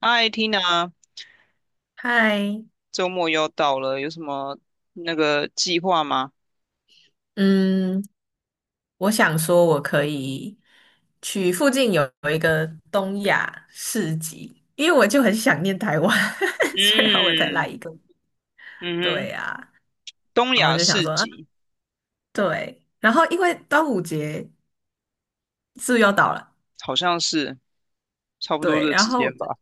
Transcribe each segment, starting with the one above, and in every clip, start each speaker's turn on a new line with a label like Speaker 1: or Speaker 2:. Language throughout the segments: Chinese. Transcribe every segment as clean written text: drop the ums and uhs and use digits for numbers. Speaker 1: 嗨，Tina，
Speaker 2: 嗨，
Speaker 1: 周末又到了，有什么那个计划吗？
Speaker 2: 嗯，我想说，我可以去附近有一个东亚市集，因为我就很想念台湾，虽然我才来
Speaker 1: 嗯，
Speaker 2: 一个，
Speaker 1: 嗯
Speaker 2: 对
Speaker 1: 哼，
Speaker 2: 呀、
Speaker 1: 东
Speaker 2: 然后
Speaker 1: 亚
Speaker 2: 就想
Speaker 1: 市
Speaker 2: 说，啊，
Speaker 1: 集。
Speaker 2: 对，然后因为端午节是不是要到了？
Speaker 1: 好像是差不多
Speaker 2: 对，
Speaker 1: 这
Speaker 2: 然
Speaker 1: 时间
Speaker 2: 后
Speaker 1: 吧。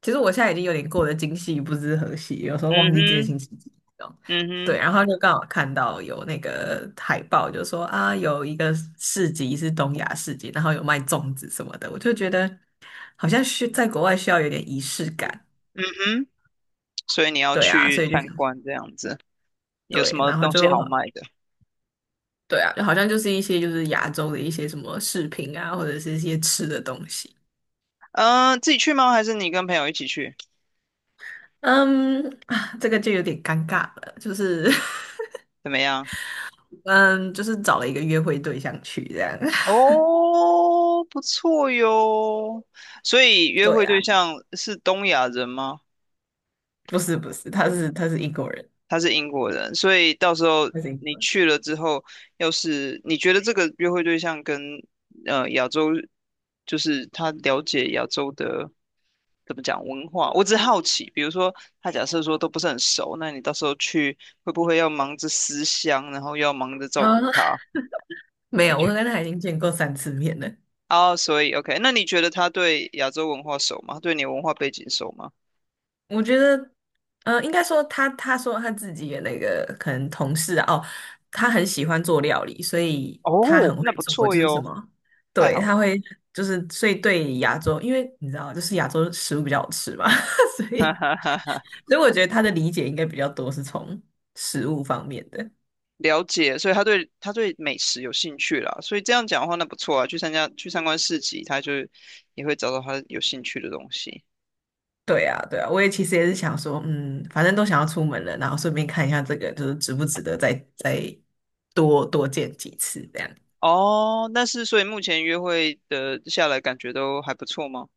Speaker 2: 其实我现在已经有点过得今夕不知何夕，有时候忘
Speaker 1: 嗯
Speaker 2: 记这些
Speaker 1: 哼，
Speaker 2: 星期几这种
Speaker 1: 嗯
Speaker 2: 对，
Speaker 1: 哼，
Speaker 2: 然后就刚好看到有那个海报，就说啊，有一个市集是东亚市集，然后有卖粽子什么的，我就觉得好像需在国外需要有点仪式感，
Speaker 1: 嗯哼，所以你要
Speaker 2: 对啊，所
Speaker 1: 去
Speaker 2: 以就
Speaker 1: 参
Speaker 2: 想
Speaker 1: 观这样子，有什
Speaker 2: 对，
Speaker 1: 么
Speaker 2: 然后
Speaker 1: 东西
Speaker 2: 就
Speaker 1: 好
Speaker 2: 好
Speaker 1: 卖的？
Speaker 2: 对啊，就好像就是一些就是亚洲的一些什么饰品啊，或者是一些吃的东西。
Speaker 1: 嗯，自己去吗？还是你跟朋友一起去？
Speaker 2: 嗯，啊，这个就有点尴尬了，就是
Speaker 1: 怎么样？
Speaker 2: 嗯，就是找了一个约会对象去这样。
Speaker 1: 哦，不错哟。所以 约
Speaker 2: 对
Speaker 1: 会
Speaker 2: 啊。
Speaker 1: 对象是东亚人吗？
Speaker 2: 不是不是，他是英国人，
Speaker 1: 他是英国人，所以到时候
Speaker 2: 他是英
Speaker 1: 你
Speaker 2: 国人。
Speaker 1: 去了之后，要是你觉得这个约会对象跟亚洲，就是他了解亚洲的怎么讲文化，我只是好奇，比如说他假设说都不是很熟，那你到时候去会不会要忙着思乡，然后又要忙着照
Speaker 2: 啊、
Speaker 1: 顾
Speaker 2: 那
Speaker 1: 他？
Speaker 2: 没
Speaker 1: 你
Speaker 2: 有，我
Speaker 1: 觉
Speaker 2: 跟他已经见过三次面了。
Speaker 1: 哦，所以 OK，那你觉得他对亚洲文化熟吗？对你文化背景熟吗？
Speaker 2: 我觉得，应该说他说他自己的那个可能同事啊哦，他很喜欢做料理，所以他
Speaker 1: 哦，
Speaker 2: 很会
Speaker 1: 那不
Speaker 2: 做，
Speaker 1: 错
Speaker 2: 就是什
Speaker 1: 哟，
Speaker 2: 么，
Speaker 1: 太
Speaker 2: 对，
Speaker 1: 好
Speaker 2: 他
Speaker 1: 了，
Speaker 2: 会就是所以对亚洲，因为你知道，就是亚洲食物比较好吃嘛，所
Speaker 1: 哈
Speaker 2: 以
Speaker 1: 哈哈哈。
Speaker 2: 所以我觉得他的理解应该比较多是从食物方面的。
Speaker 1: 了解，所以他对美食有兴趣啦，所以这样讲的话，那不错啊，去参加去参观市集，他就也会找到他有兴趣的东西。
Speaker 2: 对啊，对啊，我也其实也是想说，嗯，反正都想要出门了，然后顺便看一下这个，就是值不值得再多多见几次这样。
Speaker 1: 哦，但是所以目前约会的下来感觉都还不错吗？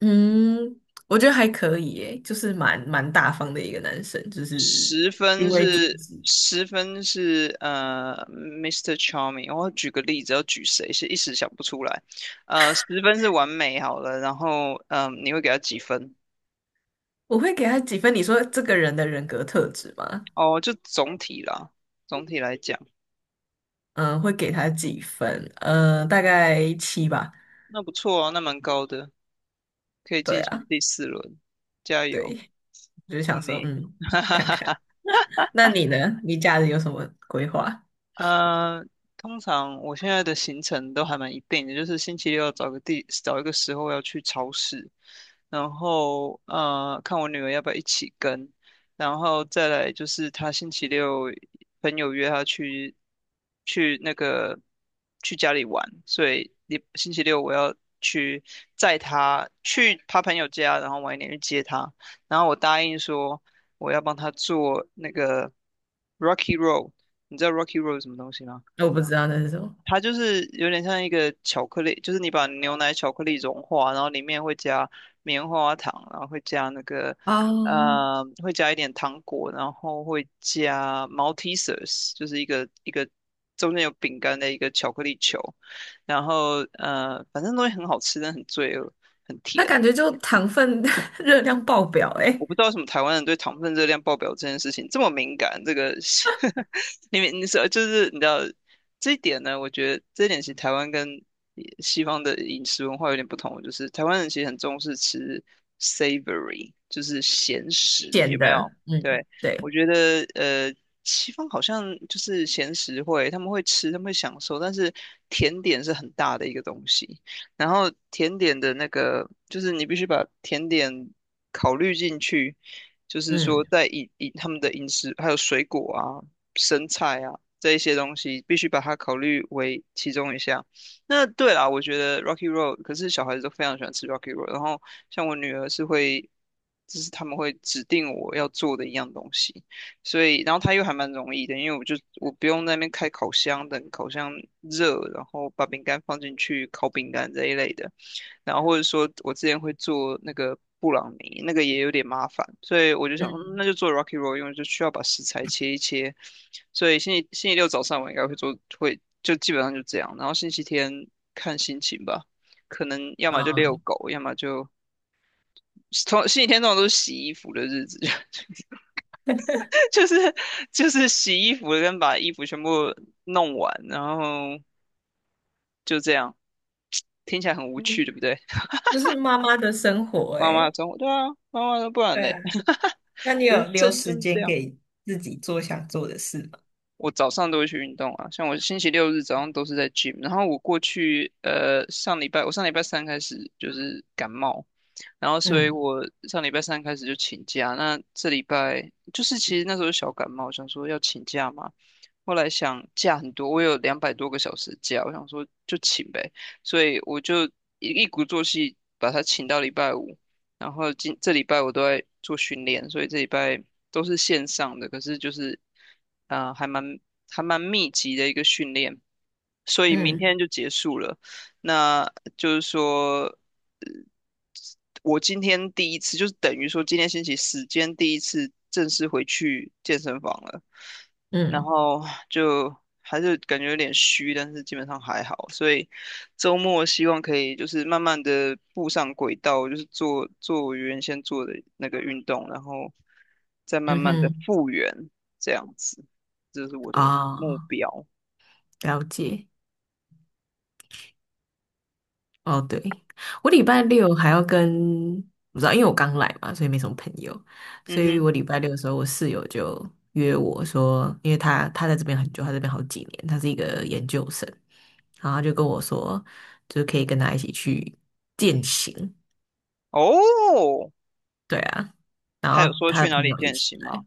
Speaker 2: 嗯，我觉得还可以耶，就是蛮大方的一个男生，就是
Speaker 1: 十
Speaker 2: 行
Speaker 1: 分
Speaker 2: 为举
Speaker 1: 是
Speaker 2: 止，
Speaker 1: 十分是呃，Mr. i s t e Charming，我举个例子，要举谁是一时想不出来。十分是完美好了，然后你会给他几分？
Speaker 2: 我会给他几分？你说这个人的人格特质吗？
Speaker 1: 哦，就总体啦，总体来讲，
Speaker 2: 嗯，会给他几分？嗯，大概七吧。
Speaker 1: 那不错啊，那蛮高的。可以
Speaker 2: 对
Speaker 1: 进行
Speaker 2: 啊，
Speaker 1: 第四轮，加油，
Speaker 2: 对，我就
Speaker 1: 祝
Speaker 2: 想说，
Speaker 1: 你，哈
Speaker 2: 看
Speaker 1: 哈。
Speaker 2: 看。那你呢？你假日有什么规划？
Speaker 1: 呃，通常我现在的行程都还蛮一定的，就是星期六找一个时候要去超市，然后看我女儿要不要一起跟，然后再来就是她星期六朋友约她去去那个去家里玩，所以你星期六我要去载她去她朋友家，然后晚一点去接她，然后我答应说我要帮她做那个 Rocky Roll， 你知道 Rocky Road 是什么东西吗？
Speaker 2: 我不知道那是什么。
Speaker 1: 它就是有点像一个巧克力，就是你把牛奶巧克力融化，然后里面会加棉花糖，然后会加那个
Speaker 2: 啊，
Speaker 1: 会加一点糖果，然后会加 Malteses， 就是一个一个中间有饼干的一个巧克力球，然后反正东西很好吃，但很罪恶，很
Speaker 2: 它
Speaker 1: 甜。
Speaker 2: 感觉就糖分 热量爆表
Speaker 1: 我
Speaker 2: 诶、
Speaker 1: 不知道为什么台湾人对糖分热量爆表这件事情这么敏感，这个 你们你说就是你知道这一点呢？我觉得这一点其实台湾跟西方的饮食文化有点不同，就是台湾人其实很重视吃 savory，就是咸食，有
Speaker 2: 咸
Speaker 1: 没有？
Speaker 2: 的，嗯
Speaker 1: 对，
Speaker 2: 对，
Speaker 1: 我觉得西方好像就是咸食会，他们会吃，他们会享受，但是甜点是很大的一个东西。然后甜点的那个，就是你必须把甜点考虑进去，就是说
Speaker 2: 嗯
Speaker 1: 在饮他们的饮食，还有水果啊、生菜啊这一些东西，必须把它考虑为其中一项。那对啦，我觉得 Rocky Road，可是小孩子都非常喜欢吃 Rocky Road，然后像我女儿是会，就是他们会指定我要做的一样东西。所以然后它又还蛮容易的，因为我就我不用在那边开烤箱等烤箱热，然后把饼干放进去烤饼干这一类的，然后或者说我之前会做那个布朗尼，那个也有点麻烦，所以我就想说
Speaker 2: 嗯
Speaker 1: 嗯那就做 Rocky Roll，因为就需要把食材切一切，所以星期六早上我应该会做，会就基本上就这样，然后星期天看心情吧，可能要么就
Speaker 2: 啊，
Speaker 1: 遛狗，要么就。星期天通常都是洗衣服的日子，就是就是洗衣服跟把衣服全部弄完，然后就这样，听起来很无趣，
Speaker 2: 嗯
Speaker 1: 对不对？
Speaker 2: 就是妈妈的生活
Speaker 1: 妈妈的
Speaker 2: 诶、
Speaker 1: 生活，对啊，妈妈的不然
Speaker 2: 对
Speaker 1: 嘞，
Speaker 2: 啊，那你
Speaker 1: 人
Speaker 2: 有留
Speaker 1: 生就
Speaker 2: 时
Speaker 1: 是这
Speaker 2: 间
Speaker 1: 样。
Speaker 2: 给自己做想做的事吗？
Speaker 1: 我早上都会去运动啊，像我星期六日早上都是在 gym，然后我过去上礼拜我上礼拜三开始就是感冒，然后所以
Speaker 2: 嗯
Speaker 1: 我上礼拜三开始就请假，那这礼拜就是其实那时候小感冒，想说要请假嘛，后来想假很多，我有200多个小时假，我想说就请呗，所以我就一鼓作气把它请到礼拜五，然后这礼拜我都在做训练，所以这礼拜都是线上的，可是就是还蛮密集的一个训练，所以明
Speaker 2: 嗯
Speaker 1: 天就结束了，那就是说。我今天第一次，就是等于说今天星期四，间第一次正式回去健身房了，然
Speaker 2: 嗯
Speaker 1: 后就还是感觉有点虚，但是基本上还好，所以周末希望可以就是慢慢的步上轨道，就是做做我原先做的那个运动，然后再慢
Speaker 2: 嗯
Speaker 1: 慢的
Speaker 2: 哼，
Speaker 1: 复原，这样子，这是我的目
Speaker 2: 哦，
Speaker 1: 标。
Speaker 2: 了解。哦，对，我礼拜六还要跟，不知道，因为我刚来嘛，所以没什么朋友，
Speaker 1: 嗯
Speaker 2: 所以
Speaker 1: 哼。
Speaker 2: 我礼拜六的时候，我室友就约我说，因为他在这边很久，他在这边好几年，他是一个研究生，然后他就跟我说，就是可以跟他一起去践行，
Speaker 1: 哦，
Speaker 2: 对啊，然
Speaker 1: 他有
Speaker 2: 后
Speaker 1: 说
Speaker 2: 他
Speaker 1: 去
Speaker 2: 的
Speaker 1: 哪
Speaker 2: 朋
Speaker 1: 里
Speaker 2: 友一
Speaker 1: 健
Speaker 2: 起
Speaker 1: 行
Speaker 2: 来，
Speaker 1: 吗？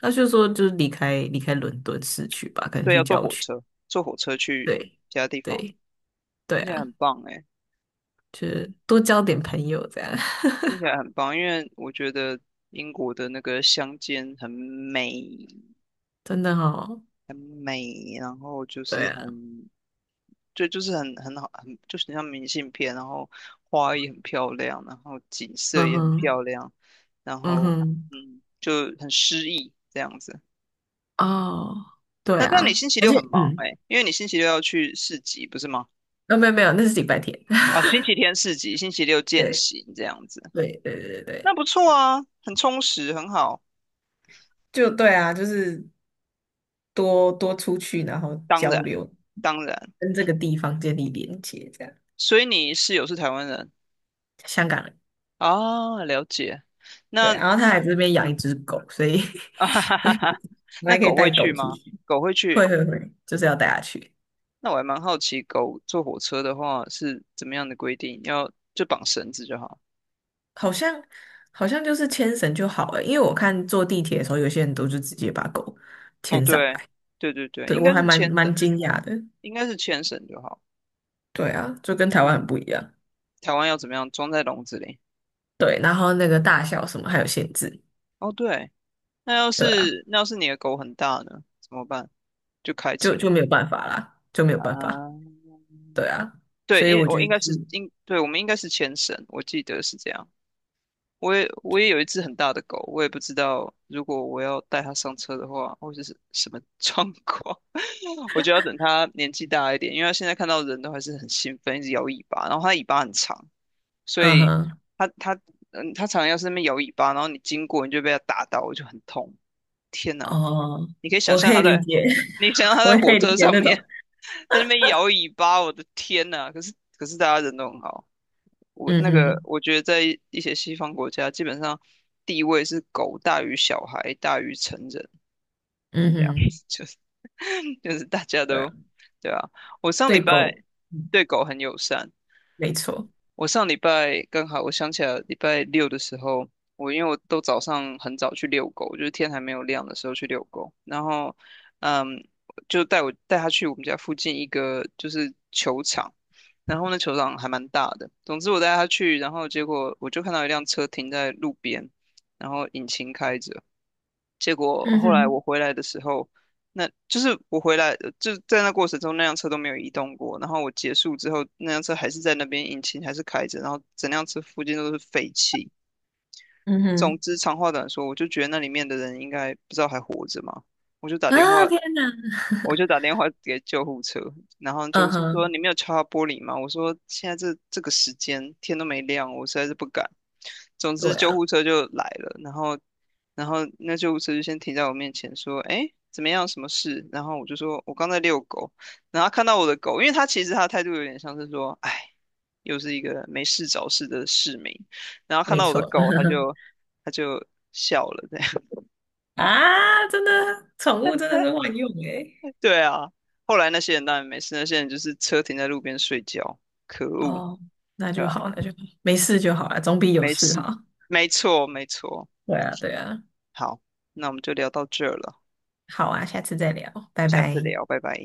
Speaker 2: 他就说就是离开伦敦市区吧，可能
Speaker 1: 对，
Speaker 2: 去
Speaker 1: 要坐
Speaker 2: 郊
Speaker 1: 火
Speaker 2: 区，
Speaker 1: 车，坐火车去
Speaker 2: 对
Speaker 1: 其他地方，
Speaker 2: 对对
Speaker 1: 听起来很
Speaker 2: 啊，
Speaker 1: 棒哎，
Speaker 2: 就是多交点朋友这样，
Speaker 1: 听起来很棒，因为我觉得英国的那个乡间很美，
Speaker 2: 真的哦，
Speaker 1: 很美，然后就
Speaker 2: 对
Speaker 1: 是
Speaker 2: 啊。
Speaker 1: 很，就是很好，很就是很像明信片，然后花也很漂亮，然后景色
Speaker 2: 嗯
Speaker 1: 也很
Speaker 2: 哼，
Speaker 1: 漂亮，然
Speaker 2: 嗯
Speaker 1: 后
Speaker 2: 哼，
Speaker 1: 嗯，就很诗意这样子。
Speaker 2: 哦，对
Speaker 1: 那但你
Speaker 2: 啊，
Speaker 1: 星期
Speaker 2: 而
Speaker 1: 六
Speaker 2: 且，
Speaker 1: 很忙
Speaker 2: 嗯，
Speaker 1: 哎，因为你星期六要去市集，不是吗？
Speaker 2: 啊，没有没有，那是礼拜天。
Speaker 1: 哦，星期天市集，星期六见
Speaker 2: 对
Speaker 1: 行这样子。
Speaker 2: 对对对对对
Speaker 1: 那不错啊，很充实，很好。
Speaker 2: 就对啊，就是多多出去，然后
Speaker 1: 当
Speaker 2: 交
Speaker 1: 然，
Speaker 2: 流，
Speaker 1: 当然，
Speaker 2: 跟这个地方建立连接，这样。
Speaker 1: 所以你室友是台湾人。
Speaker 2: 香港人，
Speaker 1: 啊，了解。
Speaker 2: 对，
Speaker 1: 那
Speaker 2: 然后他还这边养一
Speaker 1: 嗯，
Speaker 2: 只狗，所以
Speaker 1: 啊哈哈
Speaker 2: 所
Speaker 1: 哈
Speaker 2: 以
Speaker 1: 哈。
Speaker 2: 我
Speaker 1: 那
Speaker 2: 还可以
Speaker 1: 狗
Speaker 2: 带
Speaker 1: 会去
Speaker 2: 狗出
Speaker 1: 吗？
Speaker 2: 去。
Speaker 1: 狗会
Speaker 2: 会
Speaker 1: 去？
Speaker 2: 会会，就是要带它去。
Speaker 1: 那我还蛮好奇，狗坐火车的话是怎么样的规定？要就绑绳子就好。
Speaker 2: 好像好像就是牵绳就好了，因为我看坐地铁的时候，有些人都是直接把狗
Speaker 1: 哦，
Speaker 2: 牵上
Speaker 1: 对，
Speaker 2: 来。
Speaker 1: 对对对，
Speaker 2: 对，
Speaker 1: 应
Speaker 2: 我
Speaker 1: 该
Speaker 2: 还
Speaker 1: 是
Speaker 2: 蛮
Speaker 1: 牵绳，
Speaker 2: 蛮惊讶的。
Speaker 1: 应该是牵绳就好。
Speaker 2: 对啊，就跟台湾
Speaker 1: 嗯，
Speaker 2: 很不一样。
Speaker 1: 台湾要怎么样？装在笼子里。
Speaker 2: 对，然后那个大小什么还有限制。
Speaker 1: 哦，对，那要
Speaker 2: 对啊，
Speaker 1: 是你的狗很大呢？怎么办？就开车。
Speaker 2: 就没有办法啦，就没有办法。
Speaker 1: 啊，
Speaker 2: 对啊，
Speaker 1: 对，
Speaker 2: 所以
Speaker 1: 因为
Speaker 2: 我
Speaker 1: 我
Speaker 2: 觉
Speaker 1: 应
Speaker 2: 得
Speaker 1: 该是
Speaker 2: 是，
Speaker 1: 应，对，我们应该是前绳，我记得是这样。我也
Speaker 2: 就
Speaker 1: 有一只很大的狗，我也不知道如果我要带它上车的话，会是什么状况。我就要等它年纪大一点，因为它现在看到人都还是很兴奋，一直摇尾巴，然后它尾巴很长，所
Speaker 2: 嗯
Speaker 1: 以
Speaker 2: 哼，
Speaker 1: 它嗯，它常常要是那边摇尾巴，然后你经过你就被它打到，我就很痛。天呐，
Speaker 2: 哦，
Speaker 1: 你可以想
Speaker 2: 我
Speaker 1: 象
Speaker 2: 可以
Speaker 1: 它
Speaker 2: 理
Speaker 1: 在，
Speaker 2: 解，
Speaker 1: 你想象 它
Speaker 2: 我
Speaker 1: 在
Speaker 2: 也可
Speaker 1: 火
Speaker 2: 以理
Speaker 1: 车
Speaker 2: 解
Speaker 1: 上
Speaker 2: 那种，
Speaker 1: 面。在那边摇尾巴，我的天呐！可是大家人都很好，我
Speaker 2: 嗯
Speaker 1: 那个
Speaker 2: 哼，
Speaker 1: 我觉得在一些西方国家，基本上地位是狗大于小孩大于成人
Speaker 2: 嗯
Speaker 1: 这样
Speaker 2: 哼，
Speaker 1: 子，就是大家
Speaker 2: 对啊，
Speaker 1: 都对啊。我上礼
Speaker 2: 对
Speaker 1: 拜
Speaker 2: 狗，嗯，
Speaker 1: 对狗很友善，
Speaker 2: 没错，
Speaker 1: 我上礼拜刚好，我想起来礼拜六的时候，我因为我都早上很早去遛狗，就是天还没有亮的时候去遛狗，然后，嗯，就带我带他去我们家附近一个就是球场，然后那球场还蛮大的。总之我带他去，然后结果我就看到一辆车停在路边，然后引擎开着。结果
Speaker 2: 嗯
Speaker 1: 后来我
Speaker 2: 哼，
Speaker 1: 回来的时候，那就是我回来就在那过程中，那辆车都没有移动过。然后我结束之后，那辆车还是在那边，引擎还是开着，然后整辆车附近都是废气。
Speaker 2: 嗯
Speaker 1: 总
Speaker 2: 哼，
Speaker 1: 之，长话短说，我就觉得那里面的人应该不知道还活着嘛。我就打电
Speaker 2: 啊，
Speaker 1: 话，
Speaker 2: 天哪，
Speaker 1: 我就打电话给救护车，然后 救
Speaker 2: 嗯
Speaker 1: 护车说
Speaker 2: 哼，
Speaker 1: 你没有敲到玻璃吗？我说现在这个时间天都没亮，我实在是不敢。总之
Speaker 2: 对
Speaker 1: 救
Speaker 2: 啊，
Speaker 1: 护车就来了，然后那救护车就先停在我面前说，哎，怎么样，什么事？然后我就说我刚在遛狗，然后他看到我的狗，因为他其实他的态度有点像是说，哎，又是一个没事找事的市民，然后看
Speaker 2: 没
Speaker 1: 到我的
Speaker 2: 错，
Speaker 1: 狗，他就笑了，对。
Speaker 2: 啊，真的，宠物真的是万用诶、
Speaker 1: 对啊，后来那些人当然没事，那些人就是车停在路边睡觉，可恶，
Speaker 2: 哦，那
Speaker 1: 对
Speaker 2: 就
Speaker 1: 啊，
Speaker 2: 好，那就好，没事就好啊，总比有
Speaker 1: 没
Speaker 2: 事
Speaker 1: 事，
Speaker 2: 好。
Speaker 1: 没错，没错。
Speaker 2: 对啊，对啊，
Speaker 1: 好，那我们就聊到这儿了，
Speaker 2: 好啊，下次再聊，拜
Speaker 1: 下次
Speaker 2: 拜。
Speaker 1: 聊，拜拜。